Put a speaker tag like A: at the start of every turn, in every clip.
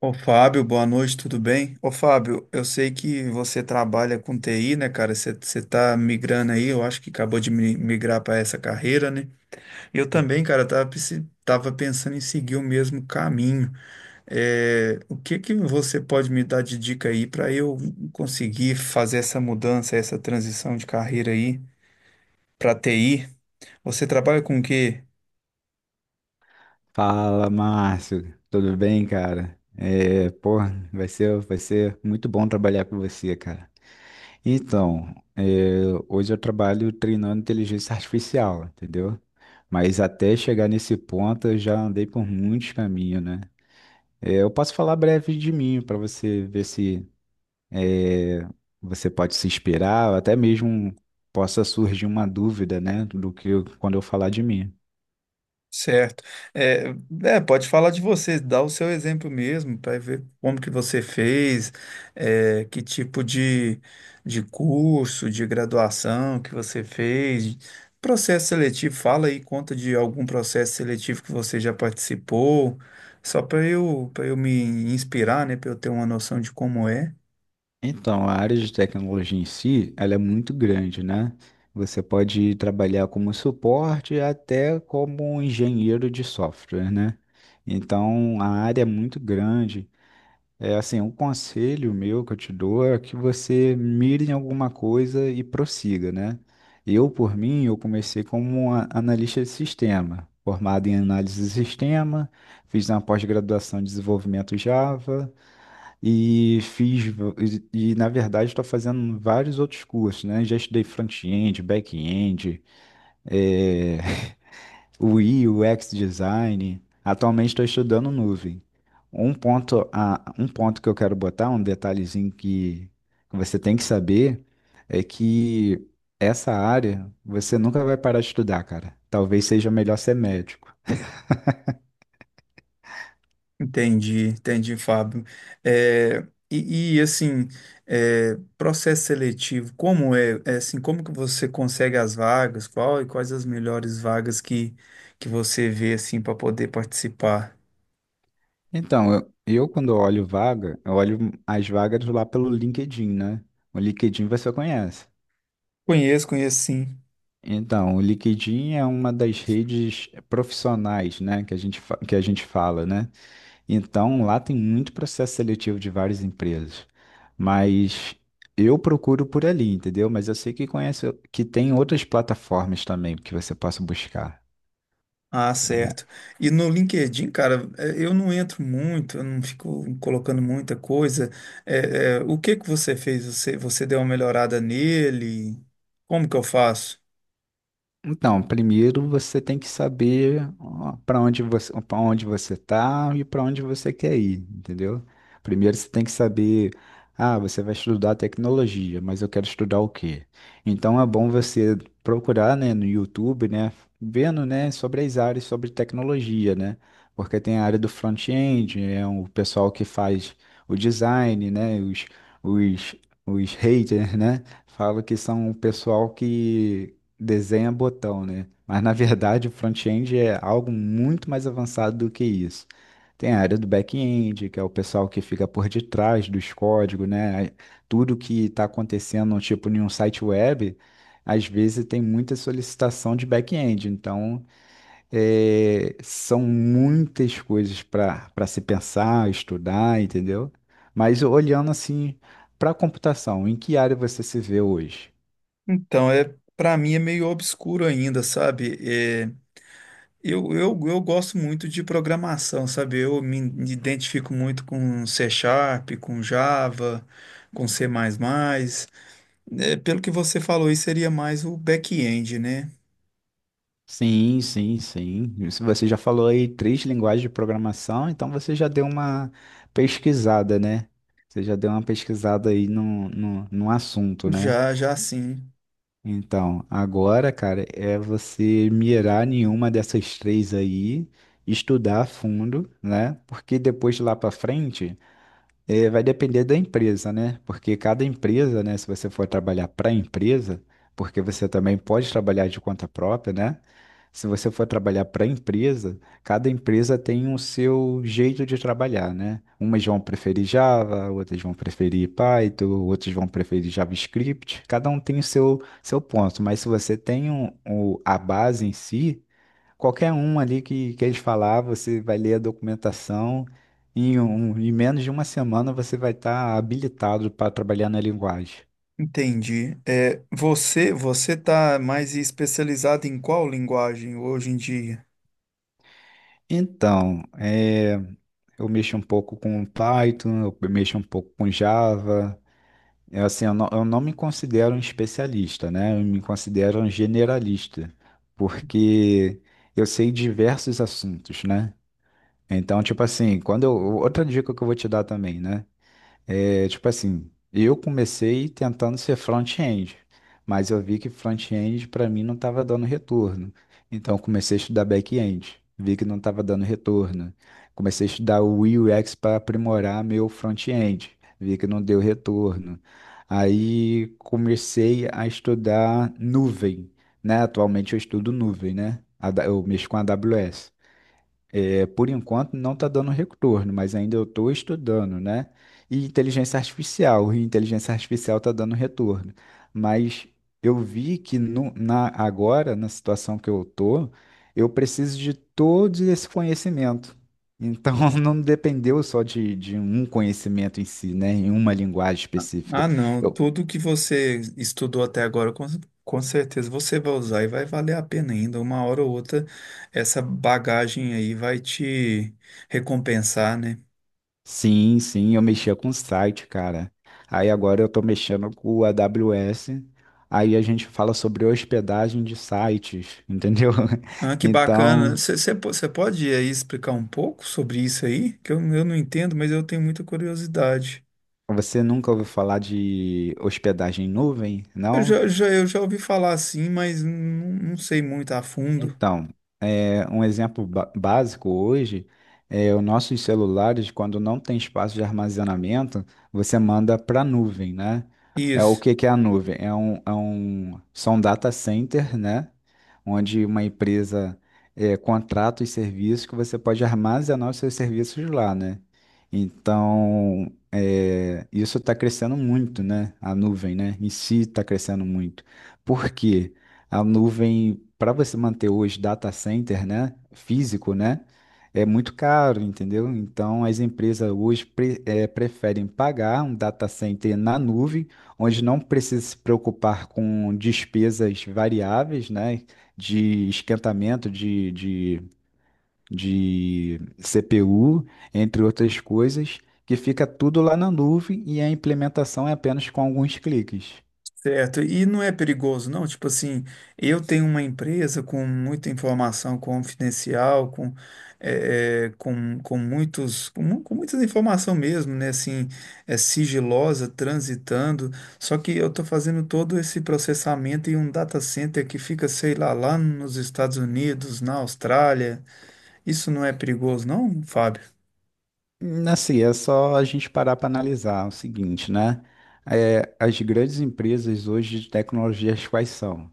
A: Ô Fábio, boa noite, tudo bem? Ô Fábio, eu sei que você trabalha com TI, né, cara? Você tá migrando aí, eu acho que acabou de migrar para essa carreira, né? Eu também, cara, tava, tava pensando em seguir o mesmo caminho. É, o que que você pode me dar de dica aí para eu conseguir fazer essa mudança, essa transição de carreira aí para TI? Você trabalha com o quê?
B: Fala, Márcio. Tudo bem, cara? Vai ser muito bom trabalhar com você, cara. Então, é, hoje eu trabalho treinando inteligência artificial, entendeu? Mas até chegar nesse ponto, eu já andei por muitos caminhos, né? É, eu posso falar breve de mim para você ver se é, você pode se inspirar, ou até mesmo possa surgir uma dúvida, né, quando eu falar de mim.
A: Certo. É, Pode falar de você, dá o seu exemplo mesmo, para ver como que você fez, é, que tipo de curso, de graduação que você fez, processo seletivo, fala aí, conta de algum processo seletivo que você já participou, só para eu me inspirar, né, para eu ter uma noção de como é.
B: Então, a área de tecnologia em si, ela é muito grande, né? Você pode trabalhar como suporte até como engenheiro de software, né? Então, a área é muito grande. É assim, um conselho meu que eu te dou é que você mire em alguma coisa e prossiga, né? Eu comecei como analista de sistema, formado em análise de sistema, fiz uma pós-graduação em desenvolvimento Java, e fiz, na verdade estou fazendo vários outros cursos, né? Já estudei front-end, back-end, é, UI, UX design. Atualmente estou estudando nuvem. Um ponto que eu quero botar, um detalhezinho que você tem que saber, é que essa área você nunca vai parar de estudar, cara. Talvez seja melhor ser médico.
A: Entendi, entendi, Fábio. É, assim, é, processo seletivo, como é, é, assim, como que você consegue as vagas? Qual e quais as melhores vagas que você vê assim para poder participar?
B: Eu quando olho vaga, eu olho as vagas lá pelo LinkedIn, né? O LinkedIn você conhece.
A: Conheço, conheço sim.
B: Então, o LinkedIn é uma das redes profissionais, né, que a gente fala, né? Então, lá tem muito processo seletivo de várias empresas. Mas eu procuro por ali, entendeu? Mas eu sei que conhece, que tem outras plataformas também que você possa buscar.
A: Ah,
B: Né?
A: certo. E no LinkedIn, cara, é, eu não entro muito, eu não fico colocando muita coisa. O que que você fez? Você deu uma melhorada nele? Como que eu faço?
B: Então, primeiro você tem que saber para onde você tá e para onde você quer ir, entendeu? Primeiro você tem que saber, ah, você vai estudar tecnologia, mas eu quero estudar o quê? Então é bom você procurar, né, no YouTube, né, vendo, né, sobre as áreas sobre tecnologia, né? Porque tem a área do front-end, é o pessoal que faz o design, né, os, os haters, né? Falo que são o pessoal que desenha botão, né? Mas na verdade o front-end é algo muito mais avançado do que isso. Tem a área do back-end, que é o pessoal que fica por detrás dos códigos, né? Tudo que está acontecendo, tipo, em um site web, às vezes tem muita solicitação de back-end. Então, é, são muitas coisas para se pensar, estudar, entendeu? Mas olhando assim para a computação, em que área você se vê hoje?
A: Então, é, para mim é meio obscuro ainda, sabe? É, eu gosto muito de programação, sabe? Eu me identifico muito com C Sharp, com Java, com C++. É, pelo que você falou, isso seria mais o back-end, né?
B: Sim, sim, sim. Isso. Você já falou aí três linguagens de programação, então você já deu uma pesquisada, né? Você já deu uma pesquisada aí no assunto, né?
A: Já, já sim.
B: Então, agora, cara, é você mirar nenhuma dessas três aí, estudar a fundo, né? Porque depois lá pra frente. É, vai depender da empresa, né? Porque cada empresa, né? Se você for trabalhar para empresa, porque você também pode trabalhar de conta própria, né? Se você for trabalhar para empresa, cada empresa tem o seu jeito de trabalhar, né? Umas vão preferir Java, outras vão preferir Python, outras vão preferir JavaScript. Cada um tem seu ponto, mas se você tem a base em si, qualquer um ali que eles falar, você vai ler a documentação. Em menos de uma semana você vai estar habilitado para trabalhar na linguagem.
A: Entendi. É, você tá mais especializado em qual linguagem hoje em dia?
B: Então, é, eu mexo um pouco com Python, eu mexo um pouco com Java. É assim, eu não me considero um especialista, né? Eu me considero um generalista, porque eu sei diversos assuntos, né? Então, tipo assim, outra dica que eu vou te dar também, né? É, tipo assim, eu comecei tentando ser front-end, mas eu vi que front-end para mim não estava dando retorno. Então eu comecei a estudar back-end, vi que não estava dando retorno. Comecei a estudar o UX para aprimorar meu front-end, vi que não deu retorno. Aí comecei a estudar nuvem, né? Atualmente eu estudo nuvem, né? Eu mexo com a AWS. É, por enquanto não está dando retorno, mas ainda eu estou estudando, né? E inteligência artificial está dando retorno. Mas eu vi que agora, na situação que eu estou, eu preciso de todo esse conhecimento. Então, não dependeu só de um conhecimento em si, né? Em uma linguagem específica.
A: Ah, não.
B: Eu
A: Tudo que você estudou até agora, com certeza você vai usar e vai valer a pena ainda. Uma hora ou outra, essa bagagem aí vai te recompensar, né?
B: Sim, sim, eu mexia com site, cara. Aí agora eu tô mexendo com o AWS. Aí a gente fala sobre hospedagem de sites, entendeu?
A: Ah, que bacana.
B: Então,
A: Você pode aí explicar um pouco sobre isso aí? Que eu não entendo, mas eu tenho muita curiosidade.
B: você nunca ouviu falar de hospedagem em nuvem,
A: Eu
B: não?
A: já, eu já ouvi falar assim, mas não, não sei muito a fundo.
B: Então, é, um exemplo básico hoje é os nossos celulares, quando não tem espaço de armazenamento, você manda para a nuvem, né? É o
A: Isso.
B: que que é a nuvem? São data center, né? Onde uma empresa é, contrata os serviços que você pode armazenar os seus serviços lá, né? Então, é, isso está crescendo muito, né? A nuvem, né? Em si está crescendo muito. Por quê? A nuvem, para você manter hoje data center, né, físico, né, é muito caro, entendeu? Então, as empresas hoje preferem pagar um data center na nuvem, onde não precisa se preocupar com despesas variáveis, né, de esquentamento de CPU, entre outras coisas, que fica tudo lá na nuvem e a implementação é apenas com alguns cliques.
A: Certo, e não é perigoso, não? Tipo assim, eu tenho uma empresa com muita informação confidencial, com, com muitos, com, com muita informação mesmo, né? Assim, é sigilosa, transitando, só que eu estou fazendo todo esse processamento em um data center que fica, sei lá, lá nos Estados Unidos, na Austrália. Isso não é perigoso, não, Fábio?
B: Assim, é só a gente parar para analisar o seguinte, né? É, as grandes empresas hoje de tecnologias quais são?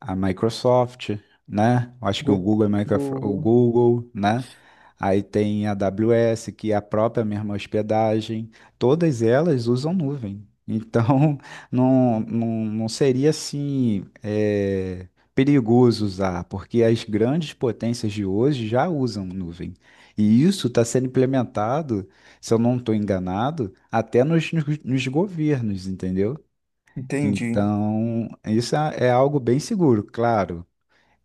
B: A Microsoft, né? Eu acho que
A: Gu-
B: O
A: Google.
B: Google, né? Aí tem a AWS, que é a própria mesma hospedagem. Todas elas usam nuvem. Então, não seria assim, é, perigoso usar, porque as grandes potências de hoje já usam nuvem. E isso está sendo implementado, se eu não estou enganado, até nos nos governos, entendeu?
A: Entendi.
B: Então, isso é algo bem seguro, claro.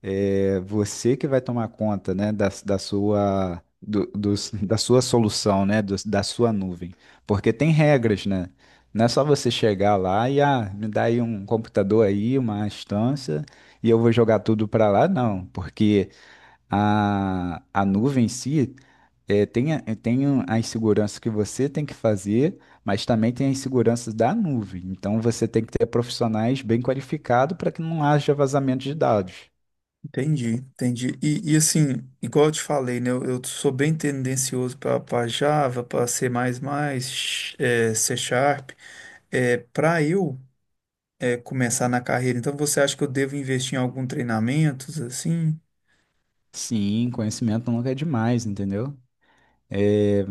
B: É você que vai tomar conta, né, da sua da sua solução, né, da sua nuvem, porque tem regras, né? Não é só você chegar lá e ah, me dá aí um computador aí, uma instância e eu vou jogar tudo para lá, não, porque a nuvem em si é, tem, a- tem um- a insegurança que você tem que fazer, mas também tem a insegurança da nuvem. Então você tem que ter profissionais bem qualificados para que não haja vazamento de dados.
A: Entendi, entendi. E assim, igual eu te falei, né? Eu sou bem tendencioso para Java, para C++, é, C Sharp. É, para eu, é, começar na carreira, então você acha que eu devo investir em algum treinamento, assim?
B: Sim, conhecimento nunca é demais, entendeu? É,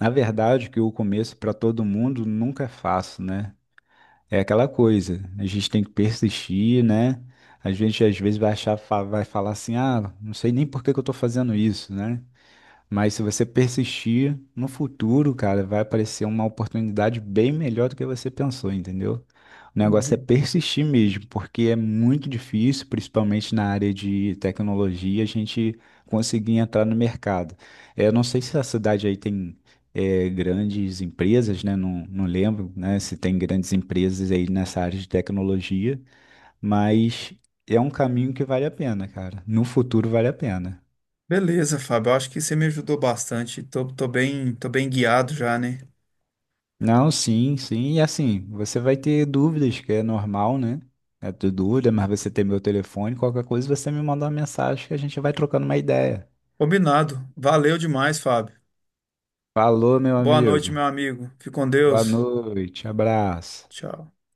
B: na verdade, que o começo para todo mundo nunca é fácil, né? É aquela coisa, a gente tem que persistir, né? A gente às vezes vai achar, vai falar assim, ah, não sei nem por que que eu estou fazendo isso, né? Mas se você persistir no futuro, cara, vai aparecer uma oportunidade bem melhor do que você pensou, entendeu? O negócio é
A: Entendi.
B: persistir mesmo, porque é muito difícil, principalmente na área de tecnologia, a gente conseguir entrar no mercado. É, eu não sei se a cidade aí tem eh, grandes empresas, né? Não, não lembro, né? Se tem grandes empresas aí nessa área de tecnologia, mas é um caminho que vale a pena, cara. No futuro vale a pena.
A: Beleza, Fábio. Eu acho que você me ajudou bastante. Tô, tô bem guiado já, né?
B: Não, sim, sim. E assim, você vai ter dúvidas, que é normal, né? É ter dúvida, mas você tem meu telefone, qualquer coisa você me manda uma mensagem que a gente vai trocando uma ideia.
A: Combinado. Valeu demais, Fábio.
B: Falou, meu
A: Boa noite,
B: amigo.
A: meu amigo. Fique com
B: Boa
A: Deus.
B: noite, abraço.
A: Tchau.